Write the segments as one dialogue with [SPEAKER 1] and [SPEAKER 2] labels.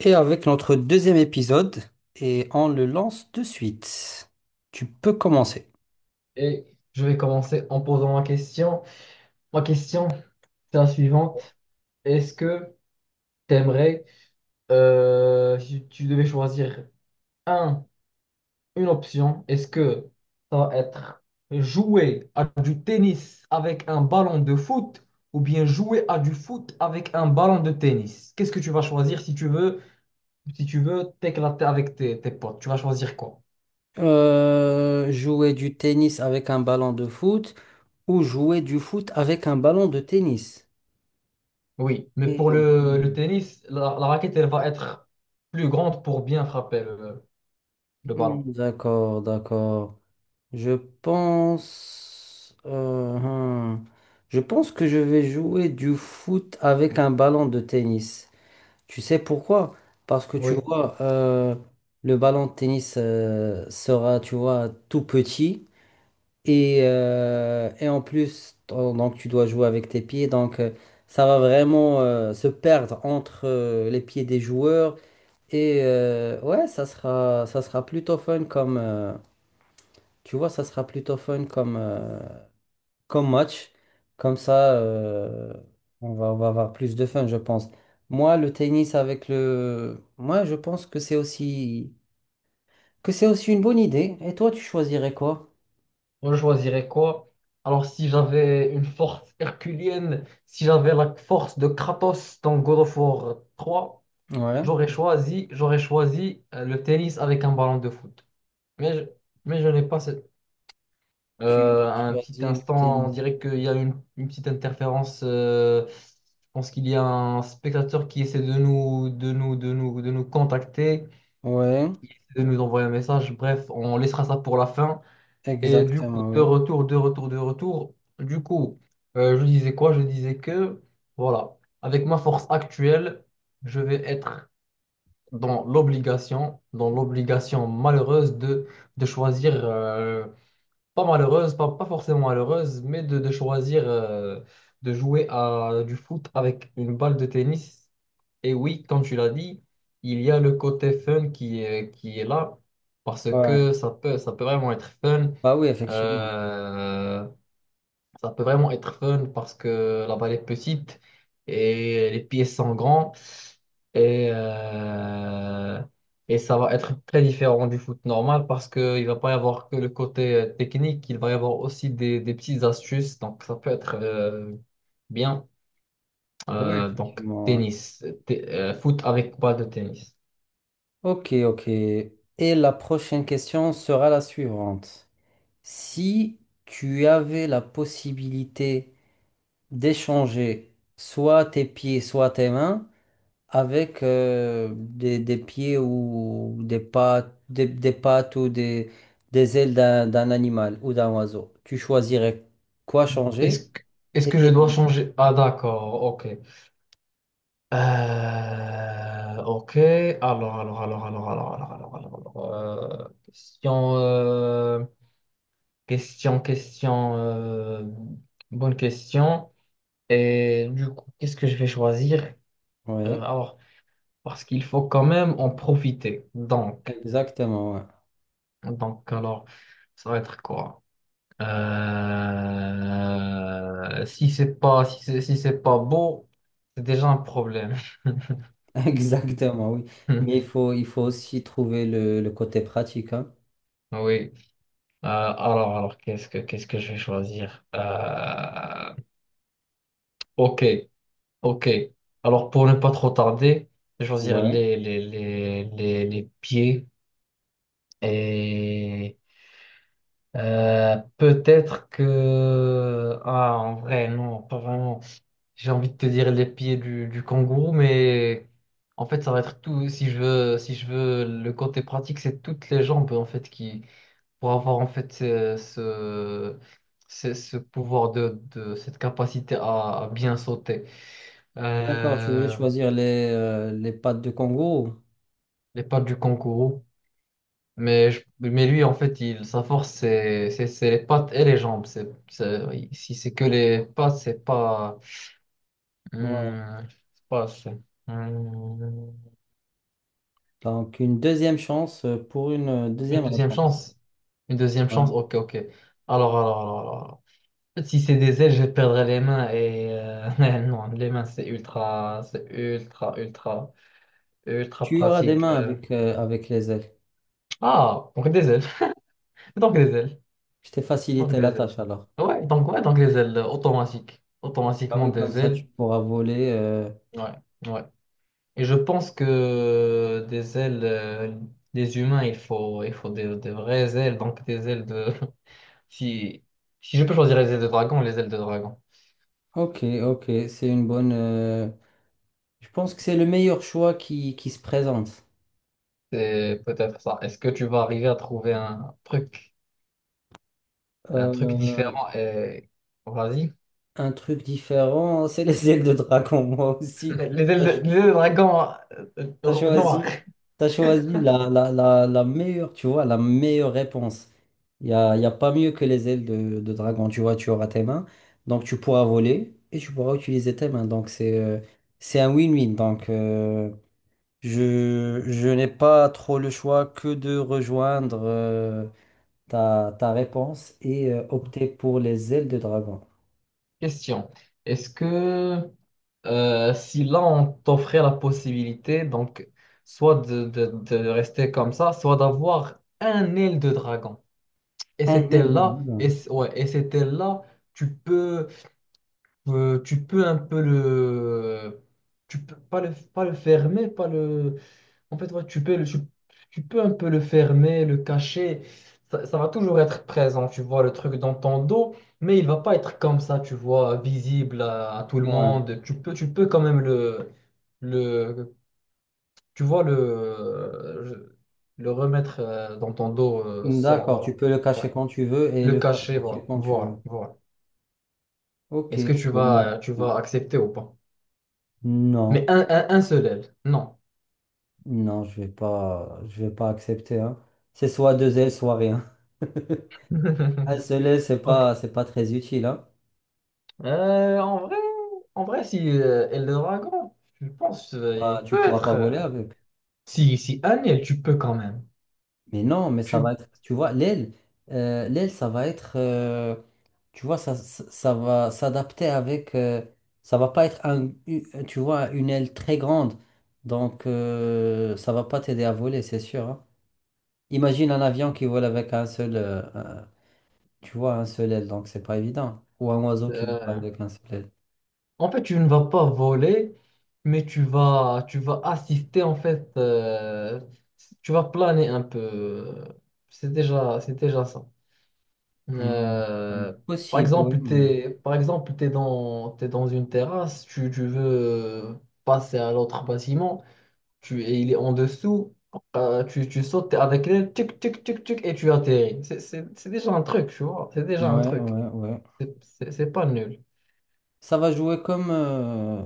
[SPEAKER 1] Et avec notre deuxième épisode, et on le lance de suite. Tu peux commencer.
[SPEAKER 2] Et je vais commencer en posant ma question. Ma question, c'est la suivante. Est-ce que t'aimerais, si tu devais choisir un, une option, est-ce que ça va être jouer à du tennis avec un ballon de foot ou bien jouer à du foot avec un ballon de tennis? Qu'est-ce que tu vas choisir si tu veux t'éclater avec tes potes? Tu vas choisir quoi?
[SPEAKER 1] Jouer du tennis avec un ballon de foot ou jouer du foot avec un ballon de tennis.
[SPEAKER 2] Oui, mais
[SPEAKER 1] Ok,
[SPEAKER 2] pour
[SPEAKER 1] ok.
[SPEAKER 2] le tennis, la raquette, elle va être plus grande pour bien frapper le
[SPEAKER 1] Hmm,
[SPEAKER 2] ballon.
[SPEAKER 1] d'accord, d'accord. Je pense, Je pense que je vais jouer du foot avec un ballon de tennis. Tu sais pourquoi? Parce que tu
[SPEAKER 2] Oui,
[SPEAKER 1] vois, le ballon de tennis sera, tu vois, tout petit. Et en plus, donc tu dois jouer avec tes pieds. Donc ça va vraiment se perdre entre les pieds des joueurs. Et ouais, ça sera plutôt fun tu vois, ça sera plutôt fun comme, comme match. Comme ça, on va avoir plus de fun, je pense. Moi, le tennis avec le... Moi, je pense que que c'est aussi une bonne idée. Et toi, tu choisirais quoi?
[SPEAKER 2] moi je choisirais quoi? Alors si j'avais une force herculienne, si j'avais la force de Kratos dans God of War 3,
[SPEAKER 1] Ouais.
[SPEAKER 2] j'aurais choisi le tennis avec un ballon de foot. Mais je, mais je n'ai pas cette...
[SPEAKER 1] Tu
[SPEAKER 2] Un petit
[SPEAKER 1] choisis le
[SPEAKER 2] instant, on
[SPEAKER 1] tennis.
[SPEAKER 2] dirait qu'il y a une petite interférence. Je pense qu'il y a un spectateur qui essaie de de nous contacter,
[SPEAKER 1] Ouais,
[SPEAKER 2] qui essaie de nous envoyer un message. Bref, on laissera ça pour la fin. Et du coup,
[SPEAKER 1] exactement, oui.
[SPEAKER 2] de retour. Du coup, je disais quoi? Je disais voilà, avec ma force actuelle, je vais être dans l'obligation malheureuse de choisir, pas malheureuse, pas forcément malheureuse, mais de choisir de jouer à du foot avec une balle de tennis. Et oui, comme tu l'as dit, il y a le côté fun qui est là, parce
[SPEAKER 1] Ouais.
[SPEAKER 2] que ça peut vraiment être fun.
[SPEAKER 1] Bah oui, effectivement.
[SPEAKER 2] Euh, Ça peut vraiment être fun parce que la balle est petite et les pieds sont grands et, euh, et ça va être très différent du foot normal parce qu'il ne va pas y avoir que le côté technique, il va y avoir aussi des petites astuces, donc ça peut être bien.
[SPEAKER 1] Oui,
[SPEAKER 2] Euh, donc
[SPEAKER 1] effectivement, ouais.
[SPEAKER 2] tennis, t- euh, foot avec balle de tennis.
[SPEAKER 1] Ok, ok. Et la prochaine question sera la suivante. Si tu avais la possibilité d'échanger soit tes pieds, soit tes mains avec des pieds ou des pattes ou des ailes d'un animal ou d'un oiseau. Tu choisirais quoi
[SPEAKER 2] Est-ce
[SPEAKER 1] changer
[SPEAKER 2] que, est-ce
[SPEAKER 1] et
[SPEAKER 2] que je
[SPEAKER 1] quel
[SPEAKER 2] dois
[SPEAKER 1] animal.
[SPEAKER 2] changer? Ah d'accord, ok. Ok, alors, question, question, euh, bonne question. Et du coup, qu'est-ce que je vais choisir?
[SPEAKER 1] Oui,
[SPEAKER 2] Alors, parce qu'il faut quand même en profiter. Donc,
[SPEAKER 1] exactement, ouais.
[SPEAKER 2] donc, alors, ça va être quoi? Si c'est pas, si c'est pas beau, c'est déjà un problème.
[SPEAKER 1] Exactement, oui. Mais il faut aussi trouver le côté pratique, hein.
[SPEAKER 2] Oui. Alors, qu'est-ce que je vais choisir? Ok, ok. Alors, pour ne pas trop tarder, je vais choisir
[SPEAKER 1] Ouais.
[SPEAKER 2] les pieds et peut-être que ah en vrai non, pas vraiment. J'ai envie de te dire les pieds du kangourou, mais en fait, ça va être tout. Si je veux le côté pratique, c'est toutes les jambes en fait qui pour avoir en fait ce pouvoir de cette capacité à bien sauter.
[SPEAKER 1] D'accord, tu voulais
[SPEAKER 2] Euh,
[SPEAKER 1] choisir les pattes de kangourou.
[SPEAKER 2] les pattes du kangourou. Mais lui, en fait, sa force, c'est les pattes et les jambes. Si c'est que les pattes, c'est pas.
[SPEAKER 1] Ouais.
[SPEAKER 2] Hmm, c'est pas assez. Hmm,
[SPEAKER 1] Donc, une deuxième chance pour une
[SPEAKER 2] une
[SPEAKER 1] deuxième
[SPEAKER 2] deuxième
[SPEAKER 1] réponse.
[SPEAKER 2] chance. Une deuxième
[SPEAKER 1] Ouais.
[SPEAKER 2] chance. Ok, ok. Alors. Si c'est des ailes, je perdrais les mains et non, les mains c'est ultra
[SPEAKER 1] Tu auras des
[SPEAKER 2] pratique.
[SPEAKER 1] mains avec, avec les ailes.
[SPEAKER 2] Ah, donc des ailes, donc des ailes,
[SPEAKER 1] Je t'ai
[SPEAKER 2] donc
[SPEAKER 1] facilité
[SPEAKER 2] des
[SPEAKER 1] la
[SPEAKER 2] ailes.
[SPEAKER 1] tâche alors.
[SPEAKER 2] Ouais, donc les ailes
[SPEAKER 1] Ah
[SPEAKER 2] automatiquement
[SPEAKER 1] oui, comme
[SPEAKER 2] des
[SPEAKER 1] ça tu
[SPEAKER 2] ailes.
[SPEAKER 1] pourras voler,
[SPEAKER 2] Ouais, ouais. Et je pense que des ailes, des humains, il faut des vraies ailes, donc des ailes de. Si, si je peux choisir les ailes de dragon,
[SPEAKER 1] Ok, ok, c'est une bonne, je pense que c'est le meilleur choix qui se présente.
[SPEAKER 2] c'est peut-être ça. Est-ce que tu vas arriver à trouver un truc? Un truc
[SPEAKER 1] Euh,
[SPEAKER 2] différent. Vas-y.
[SPEAKER 1] un truc différent, c'est les ailes de dragon, moi aussi. Je
[SPEAKER 2] Les ailes de dragon
[SPEAKER 1] T'as
[SPEAKER 2] noir.
[SPEAKER 1] choisi, t'as choisi la, la, la, la meilleure, tu vois, la meilleure réponse. Y a pas mieux que les ailes de dragon, tu vois, tu auras tes mains. Donc tu pourras voler et tu pourras utiliser tes mains. Donc c'est un win-win. Donc je n'ai pas trop le choix que de rejoindre ta, ta réponse et opter pour les ailes de dragon.
[SPEAKER 2] Question. Est-ce que si là on t'offrait la possibilité, donc soit de rester comme ça, soit d'avoir un aile de dragon.
[SPEAKER 1] Un aile de dragon.
[SPEAKER 2] Et cette aile-là, tu peux, tu peux un peu tu peux pas pas le fermer, pas le, en fait, ouais, tu peux un peu le fermer, le cacher. Ça va toujours être présent, tu vois, le truc dans ton dos, mais il va pas être comme ça, tu vois, visible à tout le
[SPEAKER 1] Ouais.
[SPEAKER 2] monde. Tu peux quand même le, tu vois, le remettre dans ton dos sans,
[SPEAKER 1] D'accord, tu
[SPEAKER 2] voilà.
[SPEAKER 1] peux le
[SPEAKER 2] Ouais.
[SPEAKER 1] cacher quand tu veux et
[SPEAKER 2] Le
[SPEAKER 1] le faire
[SPEAKER 2] cacher,
[SPEAKER 1] sortir
[SPEAKER 2] voilà,
[SPEAKER 1] quand tu
[SPEAKER 2] voilà,
[SPEAKER 1] veux.
[SPEAKER 2] voilà.
[SPEAKER 1] Ok,
[SPEAKER 2] Est-ce que
[SPEAKER 1] bon, non,
[SPEAKER 2] tu vas
[SPEAKER 1] non,
[SPEAKER 2] accepter ou pas?
[SPEAKER 1] non,
[SPEAKER 2] Mais un seul aile, non.
[SPEAKER 1] non, je vais pas accepter, hein. C'est soit deux ailes, soit rien. Un seul aile,
[SPEAKER 2] Ok.
[SPEAKER 1] c'est pas très utile, hein.
[SPEAKER 2] Euh, en vrai, en vrai, si Eldragon, je pense
[SPEAKER 1] Bah,
[SPEAKER 2] il
[SPEAKER 1] tu
[SPEAKER 2] peut
[SPEAKER 1] pourras pas
[SPEAKER 2] être.
[SPEAKER 1] voler avec.
[SPEAKER 2] Si si Aniel, tu peux quand même.
[SPEAKER 1] Mais non, mais ça
[SPEAKER 2] Tu,
[SPEAKER 1] va être, tu vois, l'aile, l'aile, ça va être, tu vois, ça va s'adapter avec, ça va pas être tu vois, une aile très grande, donc ça va pas t'aider à voler, c'est sûr, hein. Imagine un avion qui vole avec un seul, tu vois, un seul aile, donc c'est pas évident. Ou un oiseau qui vole
[SPEAKER 2] euh,
[SPEAKER 1] avec un seul aile.
[SPEAKER 2] en fait, tu ne vas pas voler, mais tu vas assister en fait. Tu vas planer un peu. C'est déjà ça.
[SPEAKER 1] Hmm, hmm.
[SPEAKER 2] Euh, par
[SPEAKER 1] Possible, oui,
[SPEAKER 2] exemple,
[SPEAKER 1] mais...
[SPEAKER 2] t'es par exemple t'es dans une terrasse, tu veux passer à l'autre bâtiment. Et il est en dessous, tu sautes t'es avec l'aile, tic, tic, tic, tic, et tu atterris. C'est déjà un truc, tu vois. C'est
[SPEAKER 1] Ouais,
[SPEAKER 2] déjà un truc.
[SPEAKER 1] ouais, ouais.
[SPEAKER 2] C'est pas nul.
[SPEAKER 1] Ça va jouer comme,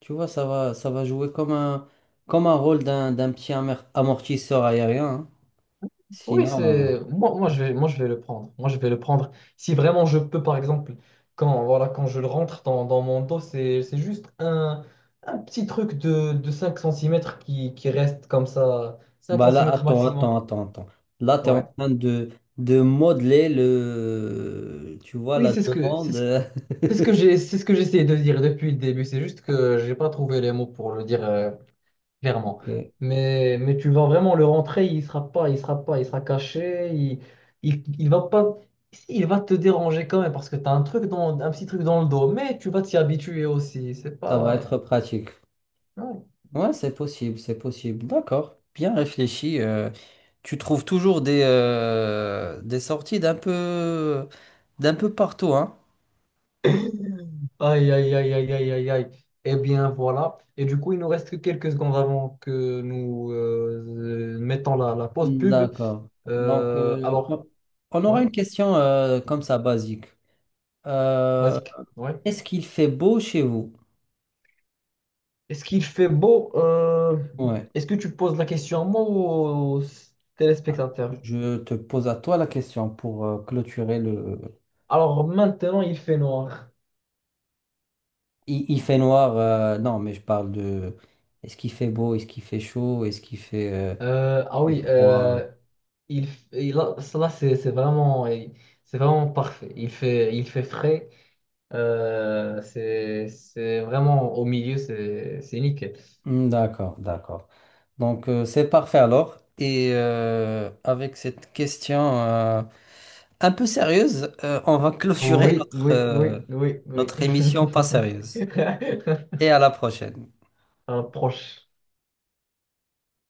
[SPEAKER 1] tu vois, ça va jouer comme un rôle d'un, d'un petit amortisseur aérien, hein.
[SPEAKER 2] Oui,
[SPEAKER 1] Sinon,
[SPEAKER 2] c'est moi, je vais le prendre. Moi, je vais le prendre. Si vraiment je peux, par exemple, quand, voilà, quand je le rentre dans mon dos, c'est juste un petit truc de 5 centimètres qui reste comme ça, 5
[SPEAKER 1] bah là,
[SPEAKER 2] centimètres
[SPEAKER 1] attends,
[SPEAKER 2] maximum.
[SPEAKER 1] attends, attends, attends. Là, tu es en
[SPEAKER 2] Ouais.
[SPEAKER 1] train de modeler le, tu vois,
[SPEAKER 2] Oui,
[SPEAKER 1] la
[SPEAKER 2] c'est ce que, c'est
[SPEAKER 1] demande.
[SPEAKER 2] ce c'est ce que j'ai, c'est ce que j'essayais de dire depuis le début. C'est juste que j'ai pas trouvé les mots pour le dire clairement.
[SPEAKER 1] Ok,
[SPEAKER 2] Mais tu vas vraiment le rentrer, il sera pas, il sera caché, il va pas, il va te déranger quand même parce que tu as un truc dans, un petit truc dans le dos. Mais tu vas t'y habituer aussi. C'est
[SPEAKER 1] ça va
[SPEAKER 2] pas.
[SPEAKER 1] être pratique.
[SPEAKER 2] Non.
[SPEAKER 1] Ouais, c'est possible, c'est possible. D'accord, bien réfléchi, tu trouves toujours des sorties d'un peu partout, hein?
[SPEAKER 2] Aïe aïe aïe aïe aïe aïe aïe. Eh bien voilà. Et du coup, il nous reste que quelques secondes avant que nous mettons la pause pub.
[SPEAKER 1] D'accord. Donc,
[SPEAKER 2] Euh, alors,
[SPEAKER 1] on
[SPEAKER 2] ouais,
[SPEAKER 1] aura une question comme ça, basique. Euh,
[SPEAKER 2] basique. Ouais.
[SPEAKER 1] est-ce qu'il fait beau chez vous?
[SPEAKER 2] Est-ce qu'il fait beau?
[SPEAKER 1] Ouais,
[SPEAKER 2] Est-ce que tu poses la question à moi ou aux téléspectateurs?
[SPEAKER 1] je te pose à toi la question pour clôturer le...
[SPEAKER 2] Alors maintenant, il fait noir.
[SPEAKER 1] Il fait noir, non, mais je parle de... Est-ce qu'il fait beau? Est-ce qu'il fait chaud? Est-ce qu'il fait,
[SPEAKER 2] Euh,
[SPEAKER 1] il
[SPEAKER 2] ah
[SPEAKER 1] fait
[SPEAKER 2] oui,
[SPEAKER 1] froid?
[SPEAKER 2] il, là, là, c'est vraiment parfait. Il fait frais. C'est vraiment au milieu, c'est nickel.
[SPEAKER 1] Hmm, d'accord, d'accord. Donc c'est parfait alors. Et avec cette question un peu sérieuse, on va clôturer
[SPEAKER 2] Oui,
[SPEAKER 1] notre,
[SPEAKER 2] oui, oui, oui, oui.
[SPEAKER 1] notre émission pas sérieuse. Et à la prochaine.
[SPEAKER 2] On approche.